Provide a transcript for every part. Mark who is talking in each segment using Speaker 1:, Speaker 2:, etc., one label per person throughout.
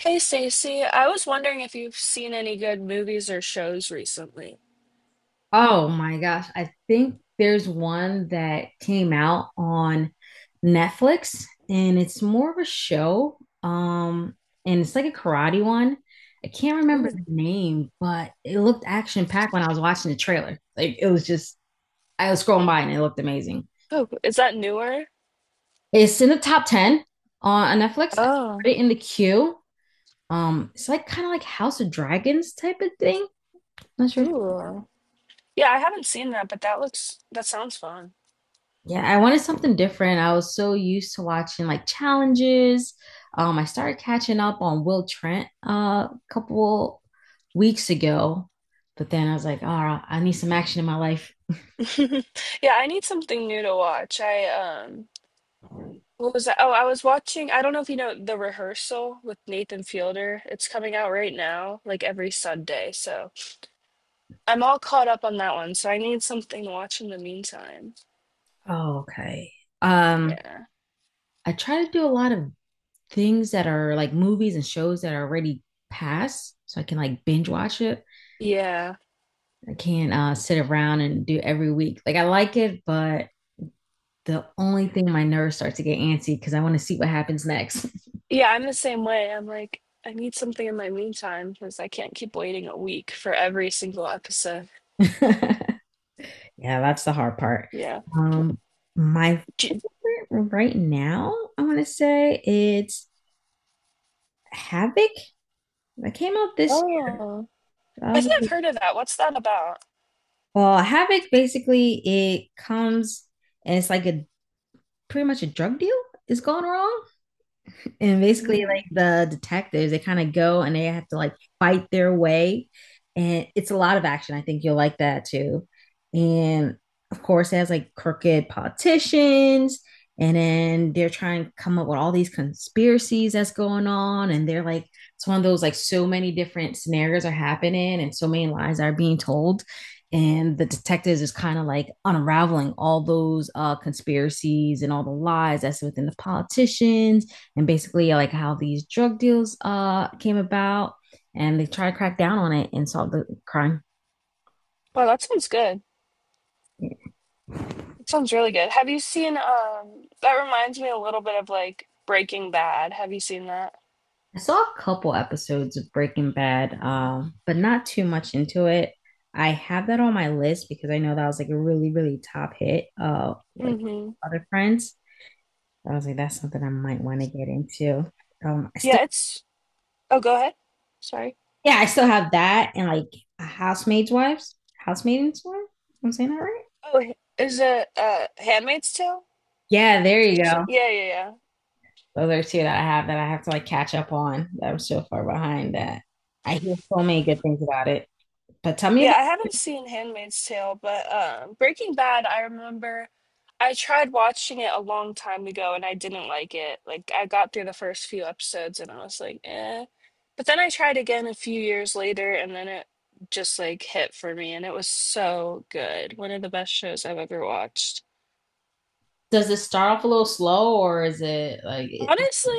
Speaker 1: Hey Stacey, I was wondering if you've seen any good movies or shows recently.
Speaker 2: Oh my gosh. I think there's one that came out on Netflix and it's more of a show. Um, and it's like a karate one. I can't remember the
Speaker 1: Ooh.
Speaker 2: name, but it looked action packed when I was watching the trailer. I was scrolling by and it looked amazing.
Speaker 1: Oh, is that newer?
Speaker 2: It's in the top 10 on Netflix. I put
Speaker 1: Oh,
Speaker 2: it in the queue. It's like kind of like House of Dragons type of thing. Not sure. if
Speaker 1: cool. Yeah, I haven't seen that, but that sounds fun.
Speaker 2: Yeah, I wanted something different. I was so used to watching like challenges. I started catching up on Will Trent a couple weeks ago, but then I was like, oh, I need some action in my life.
Speaker 1: Yeah, I need something new to watch. I what was that? Oh, I was watching, I don't know if you know The Rehearsal with Nathan Fielder. It's coming out right now, like every Sunday. So I'm all caught up on that one, so I need something to watch in the meantime.
Speaker 2: Oh, okay. Um,
Speaker 1: Yeah.
Speaker 2: I try to do a lot of things that are like movies and shows that are already past, so I can like binge watch it.
Speaker 1: Yeah.
Speaker 2: I can't sit around and do every week. Like I like it, but the only thing my nerves start to get antsy because I want to see what happens next.
Speaker 1: Yeah, I'm the same way. I'm like, I need something in my meantime because I can't keep waiting a week for every single episode.
Speaker 2: Yeah, that's the hard part.
Speaker 1: Yeah.
Speaker 2: Um, my
Speaker 1: J-
Speaker 2: favorite right now, I want to say it's Havoc that came out this year.
Speaker 1: Oh,
Speaker 2: That
Speaker 1: I
Speaker 2: was a
Speaker 1: think I've
Speaker 2: good-
Speaker 1: heard of that. What's that about?
Speaker 2: Well, Havoc basically it comes and it's like a pretty much a drug deal is going wrong. And basically
Speaker 1: Mm.
Speaker 2: like the detectives they kind of go and they have to like fight their way, and it's a lot of action. I think you'll like that too. And of course it has like crooked politicians, and then they're trying to come up with all these conspiracies that's going on, and they're like it's one of those like so many different scenarios are happening and so many lies are being told. And the detectives is kind of like unraveling all those conspiracies and all the lies that's within the politicians, and basically like how these drug deals came about, and they try to crack down on it and solve the crime.
Speaker 1: Well, that sounds good.
Speaker 2: Yeah.
Speaker 1: That sounds really good. Have you seen, that reminds me a little bit of like Breaking Bad. Have you seen that?
Speaker 2: I saw a couple episodes of Breaking Bad, but not too much into it. I have that on my list because I know that was like a really, really top hit with
Speaker 1: Mm-hmm.
Speaker 2: other friends. I was like, that's something I might want to get into. Um, I still,
Speaker 1: Yeah, it's, oh, go ahead. Sorry.
Speaker 2: yeah, I still have that and like Housemaid's Wives, Housemaid's Wife. I'm saying that right?
Speaker 1: Oh, is it, Handmaid's Tale?
Speaker 2: Yeah, there you
Speaker 1: Some shit?
Speaker 2: go.
Speaker 1: Yeah, yeah, yeah.
Speaker 2: Those are two that I have to like catch up on. That I'm so far behind that I hear so many good things about it. But tell me about
Speaker 1: Yeah, I haven't seen Handmaid's Tale, but Breaking Bad, I remember I tried watching it a long time ago and I didn't like it. Like, I got through the first few episodes and I was like, eh. But then I tried again a few years later and then it just like hit for me and it was so good. One of the best shows I've ever watched.
Speaker 2: Does it start off a little slow or is it
Speaker 1: Honestly,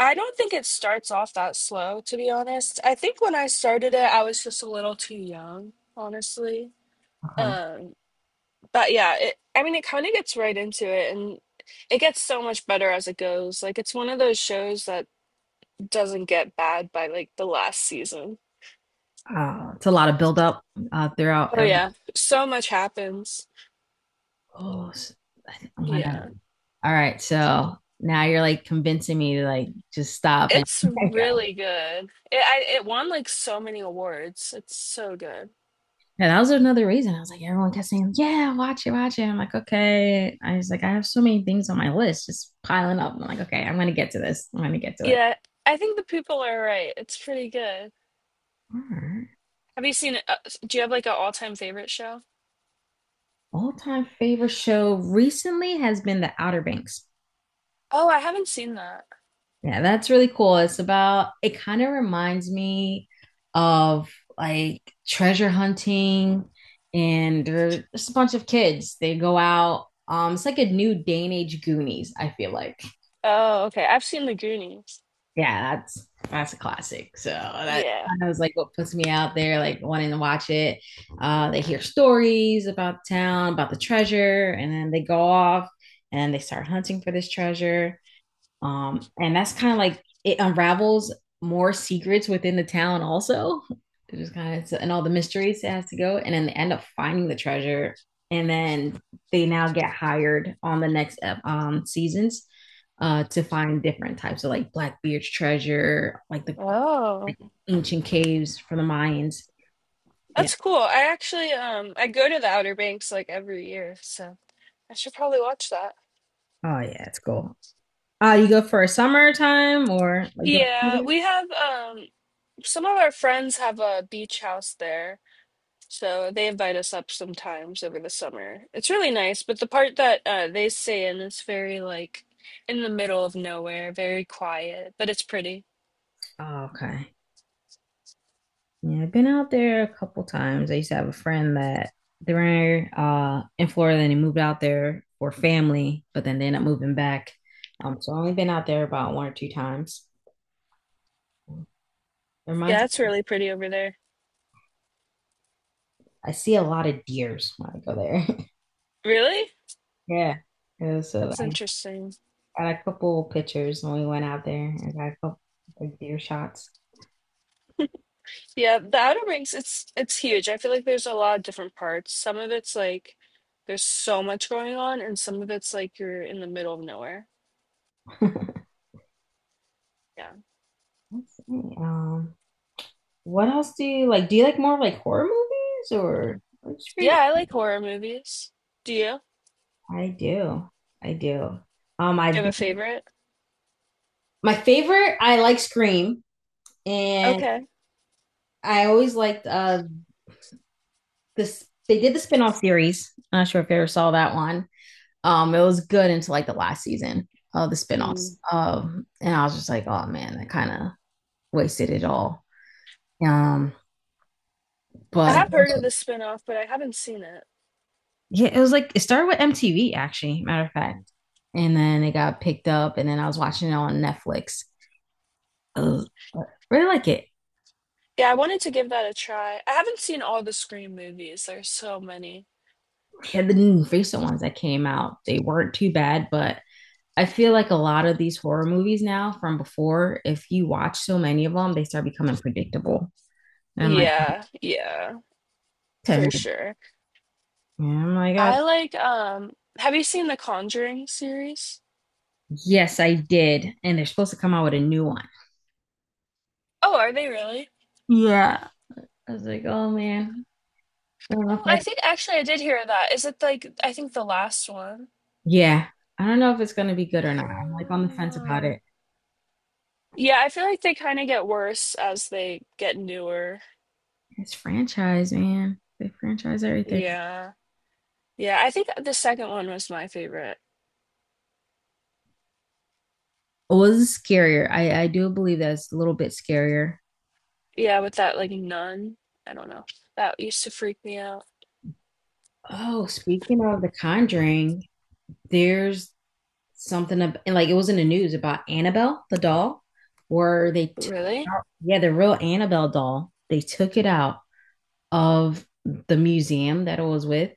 Speaker 1: I don't think it starts off that slow, to be honest. I think when I started it, I was just a little too young, honestly.
Speaker 2: okay.
Speaker 1: um. But yeah, I mean, it kind of gets right into it and it gets so much better as it goes. Like, it's one of those shows that doesn't get bad by like the last season.
Speaker 2: It's a lot of buildup throughout
Speaker 1: Oh,
Speaker 2: every
Speaker 1: yeah. So much happens.
Speaker 2: Oh, s- I think I'm gonna.
Speaker 1: Yeah.
Speaker 2: All right, so now you're like convincing me to like just stop and.
Speaker 1: It's
Speaker 2: Okay, got it.
Speaker 1: really good. It won like so many awards. It's so good.
Speaker 2: And that was another reason. I was like, everyone kept saying, "Yeah, watch it, watch it." I'm like, okay. I was like, I have so many things on my list, just piling up. I'm like, okay, I'm gonna get to this. I'm gonna get to it.
Speaker 1: Yeah. I think the people are right. It's pretty good.
Speaker 2: All right.
Speaker 1: Have you seen, do you have like an all-time favorite show?
Speaker 2: All-time favorite show recently has been The Outer Banks.
Speaker 1: Oh, I haven't seen that.
Speaker 2: Yeah, that's really cool. It's about, it kind of reminds me of like treasure hunting, and there's just a bunch of kids. They go out. It's like a new day and age Goonies, I feel like.
Speaker 1: Oh, okay. I've seen The Goonies.
Speaker 2: Yeah, that's a classic. So that
Speaker 1: Yeah.
Speaker 2: kind of was like what puts me out there, like wanting to watch it. They hear stories about town, about the treasure, and then they go off and they start hunting for this treasure. And that's kind of like it unravels more secrets within the town also. It just kind of and all the mysteries it has to go, and then they end up finding the treasure, and then they now get hired on the next seasons to find different types of like Blackbeard's treasure,
Speaker 1: Oh.
Speaker 2: like, ancient caves from the Mayans. Yeah.
Speaker 1: That's cool. I actually I go to the Outer Banks like every year, so I should probably watch that.
Speaker 2: Oh yeah, it's cool. You go for a summertime or like during
Speaker 1: Yeah,
Speaker 2: season?
Speaker 1: we have some of our friends have a beach house there. So they invite us up sometimes over the summer. It's really nice, but the part that they stay in is very like in the middle of nowhere, very quiet, but it's pretty.
Speaker 2: Oh, okay. Yeah, I've been out there a couple times. I used to have a friend that they were in Florida and they moved out there for family, but then they ended up moving back. So I've only been out there about one or two times. It reminds
Speaker 1: Yeah, it's really pretty over there.
Speaker 2: I see a lot of deers when I go there.
Speaker 1: Really?
Speaker 2: Yeah. Yeah, so
Speaker 1: That's
Speaker 2: I
Speaker 1: interesting.
Speaker 2: got a couple pictures when we went out there. I got a couple like deer shots.
Speaker 1: Yeah, the Outer Banks, it's huge. I feel like there's a lot of different parts. Some of it's like there's so much going on, and some of it's like you're in the middle of nowhere.
Speaker 2: Let's
Speaker 1: Yeah.
Speaker 2: see. What else do you like? Do you like more like horror movies or what's
Speaker 1: Yeah,
Speaker 2: your
Speaker 1: I like horror movies. Do you?
Speaker 2: I do. I do.
Speaker 1: Do
Speaker 2: I've
Speaker 1: you have a
Speaker 2: been
Speaker 1: favorite?
Speaker 2: My favorite, I like Scream, and
Speaker 1: Okay.
Speaker 2: I always liked this. They did the spinoff series. I'm not sure if you ever saw that one. It was good until like the last season of the spinoffs.
Speaker 1: Mm.
Speaker 2: And I was just like, oh man, I kind of wasted it all. Um,
Speaker 1: I
Speaker 2: but
Speaker 1: have heard of the spin-off, but I haven't seen it.
Speaker 2: Yeah, it was like it started with MTV actually, matter of fact, and then it got picked up, and then I was watching it on Netflix. I really like it.
Speaker 1: Yeah, I wanted to give that a try. I haven't seen all the Scream movies. There's so many.
Speaker 2: Yeah, the recent ones that came out, they weren't too bad, but I feel like a lot of these horror movies now from before, if you watch so many of them, they start becoming predictable. And I'm like,
Speaker 1: Yeah, yeah,
Speaker 2: okay.
Speaker 1: for sure.
Speaker 2: And I'm like, "Oh,
Speaker 1: I like have you seen the Conjuring series?
Speaker 2: yes, I did. And they're supposed to come out with a new one.
Speaker 1: Oh, are they really?
Speaker 2: Yeah. I was like, oh man, I don't know
Speaker 1: Oh,
Speaker 2: if
Speaker 1: I
Speaker 2: I,
Speaker 1: think actually I did hear that. Is it like I think the last one?
Speaker 2: yeah, I don't know if it's gonna be good or not. I'm like on the fence about it.
Speaker 1: Oh. Yeah, I feel like they kind of get worse as they get newer.
Speaker 2: It's franchise, man. They franchise everything.
Speaker 1: Yeah. Yeah, I think the second one was my favorite.
Speaker 2: What was scarier? I do believe that's a little bit scarier.
Speaker 1: Yeah, with that like nun. I don't know. That used to freak me out.
Speaker 2: Oh, speaking of The Conjuring, there's and like it was in the news about Annabelle the doll where they took it
Speaker 1: Really?
Speaker 2: out. Yeah, the real Annabelle doll. They took it out of the museum that it was with,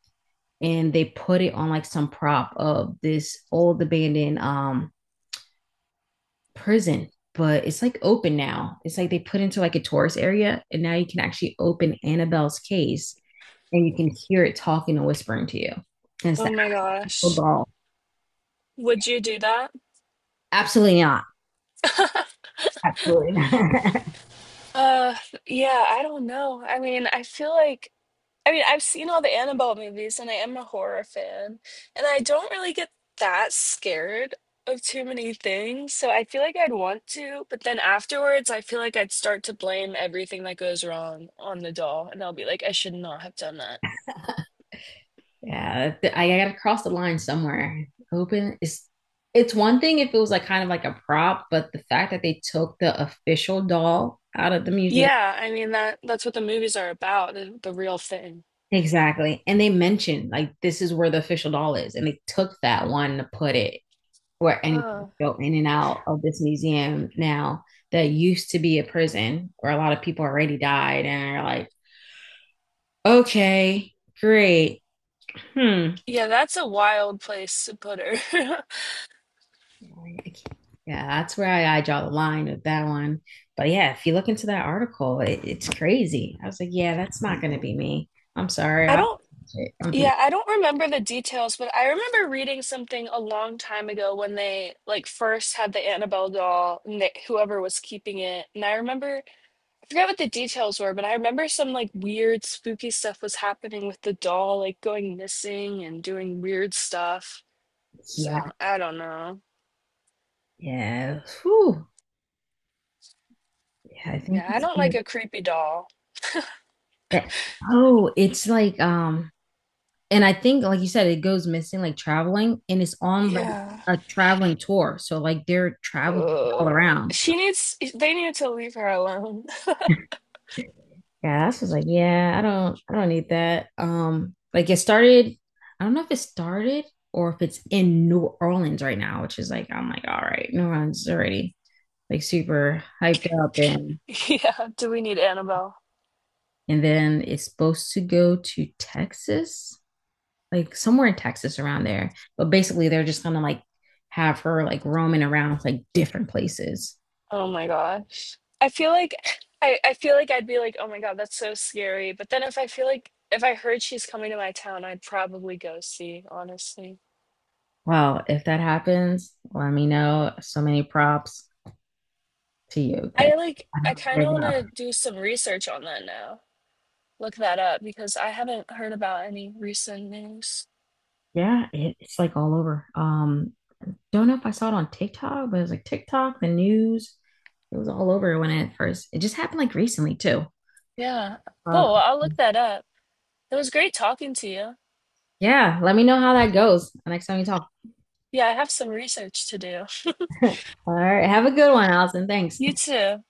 Speaker 2: and they put it on like some prop of this old abandoned prison, but it's like open now. It's like they put into like a tourist area, and now you can actually open Annabelle's case and you can hear it talking and whispering to you, and it's
Speaker 1: Oh
Speaker 2: the
Speaker 1: my
Speaker 2: actual
Speaker 1: gosh.
Speaker 2: doll.
Speaker 1: Would you do that?
Speaker 2: Absolutely not. Absolutely not.
Speaker 1: Uh, yeah, I don't know. I mean, I feel like I mean, I've seen all the Annabelle movies and I am a horror fan, and I don't really get that scared of too many things. So I feel like I'd want to, but then afterwards, I feel like I'd start to blame everything that goes wrong on the doll, and I'll be like, I should not have done that.
Speaker 2: Yeah, I gotta cross the line somewhere. Open is it's one thing if it was like kind of like a prop, but the fact that they took the official doll out of the museum.
Speaker 1: Yeah, I mean that's what the movies are about, the real thing.
Speaker 2: Exactly. And they mentioned like this is where the official doll is. And they took that one to put it where anyone can
Speaker 1: Oh
Speaker 2: go in and out of this museum now, that used to be a prison where a lot of people already died, and are like, okay, great. Hmm.
Speaker 1: yeah, that's a wild place to put her.
Speaker 2: Like, I can't- Yeah, that's where I draw the line with that one. But yeah, if you look into that article, it, it's crazy. I was like, yeah, that's not going to be me. I'm sorry.
Speaker 1: I
Speaker 2: I'll,
Speaker 1: don't
Speaker 2: I'm thinking,
Speaker 1: Yeah, I don't remember the details, but I remember reading something a long time ago when they like first had the Annabelle doll and whoever was keeping it. I forgot what the details were, but I remember some like weird spooky stuff was happening with the doll, like going missing and doing weird stuff. So,
Speaker 2: yeah,
Speaker 1: I don't know.
Speaker 2: yeah. Whew. Yeah, I think
Speaker 1: Yeah, I
Speaker 2: it's
Speaker 1: don't
Speaker 2: like
Speaker 1: like a creepy doll.
Speaker 2: that. Oh, it's like and I think like you said, it goes missing like traveling, and it's on like
Speaker 1: Yeah.
Speaker 2: a traveling tour. So like they're traveling all
Speaker 1: Ugh.
Speaker 2: around.
Speaker 1: They need to leave her alone.
Speaker 2: Yeah, that's just like, yeah, I don't need that. Like it started, I don't know if it started or if it's in New Orleans right now, which is like I'm like, all right, New Orleans is already like super hyped up, and
Speaker 1: Yeah, do we need Annabelle?
Speaker 2: then it's supposed to go to Texas, like somewhere in Texas around there. But basically they're just gonna like have her like roaming around like different places.
Speaker 1: Oh my gosh. I feel like I'd be like, oh my God, that's so scary. But then if I feel like if I heard she's coming to my town, I'd probably go see, honestly.
Speaker 2: Well, if that happens, let me know. So many props to you because I
Speaker 1: I kind of
Speaker 2: don't
Speaker 1: want
Speaker 2: know.
Speaker 1: to do some research on that now. Look that up because I haven't heard about any recent news.
Speaker 2: Yeah, it, it's like all over. Don't know if I saw it on TikTok, but it was like TikTok, the news. It was all over when it first. It just happened like recently too.
Speaker 1: Yeah,
Speaker 2: Uh,
Speaker 1: cool. I'll look that up. It was great talking to you.
Speaker 2: yeah, let me know how that goes the next time you talk.
Speaker 1: Yeah, I have some research to do.
Speaker 2: All right, have a good one, Allison. Thanks.
Speaker 1: You too.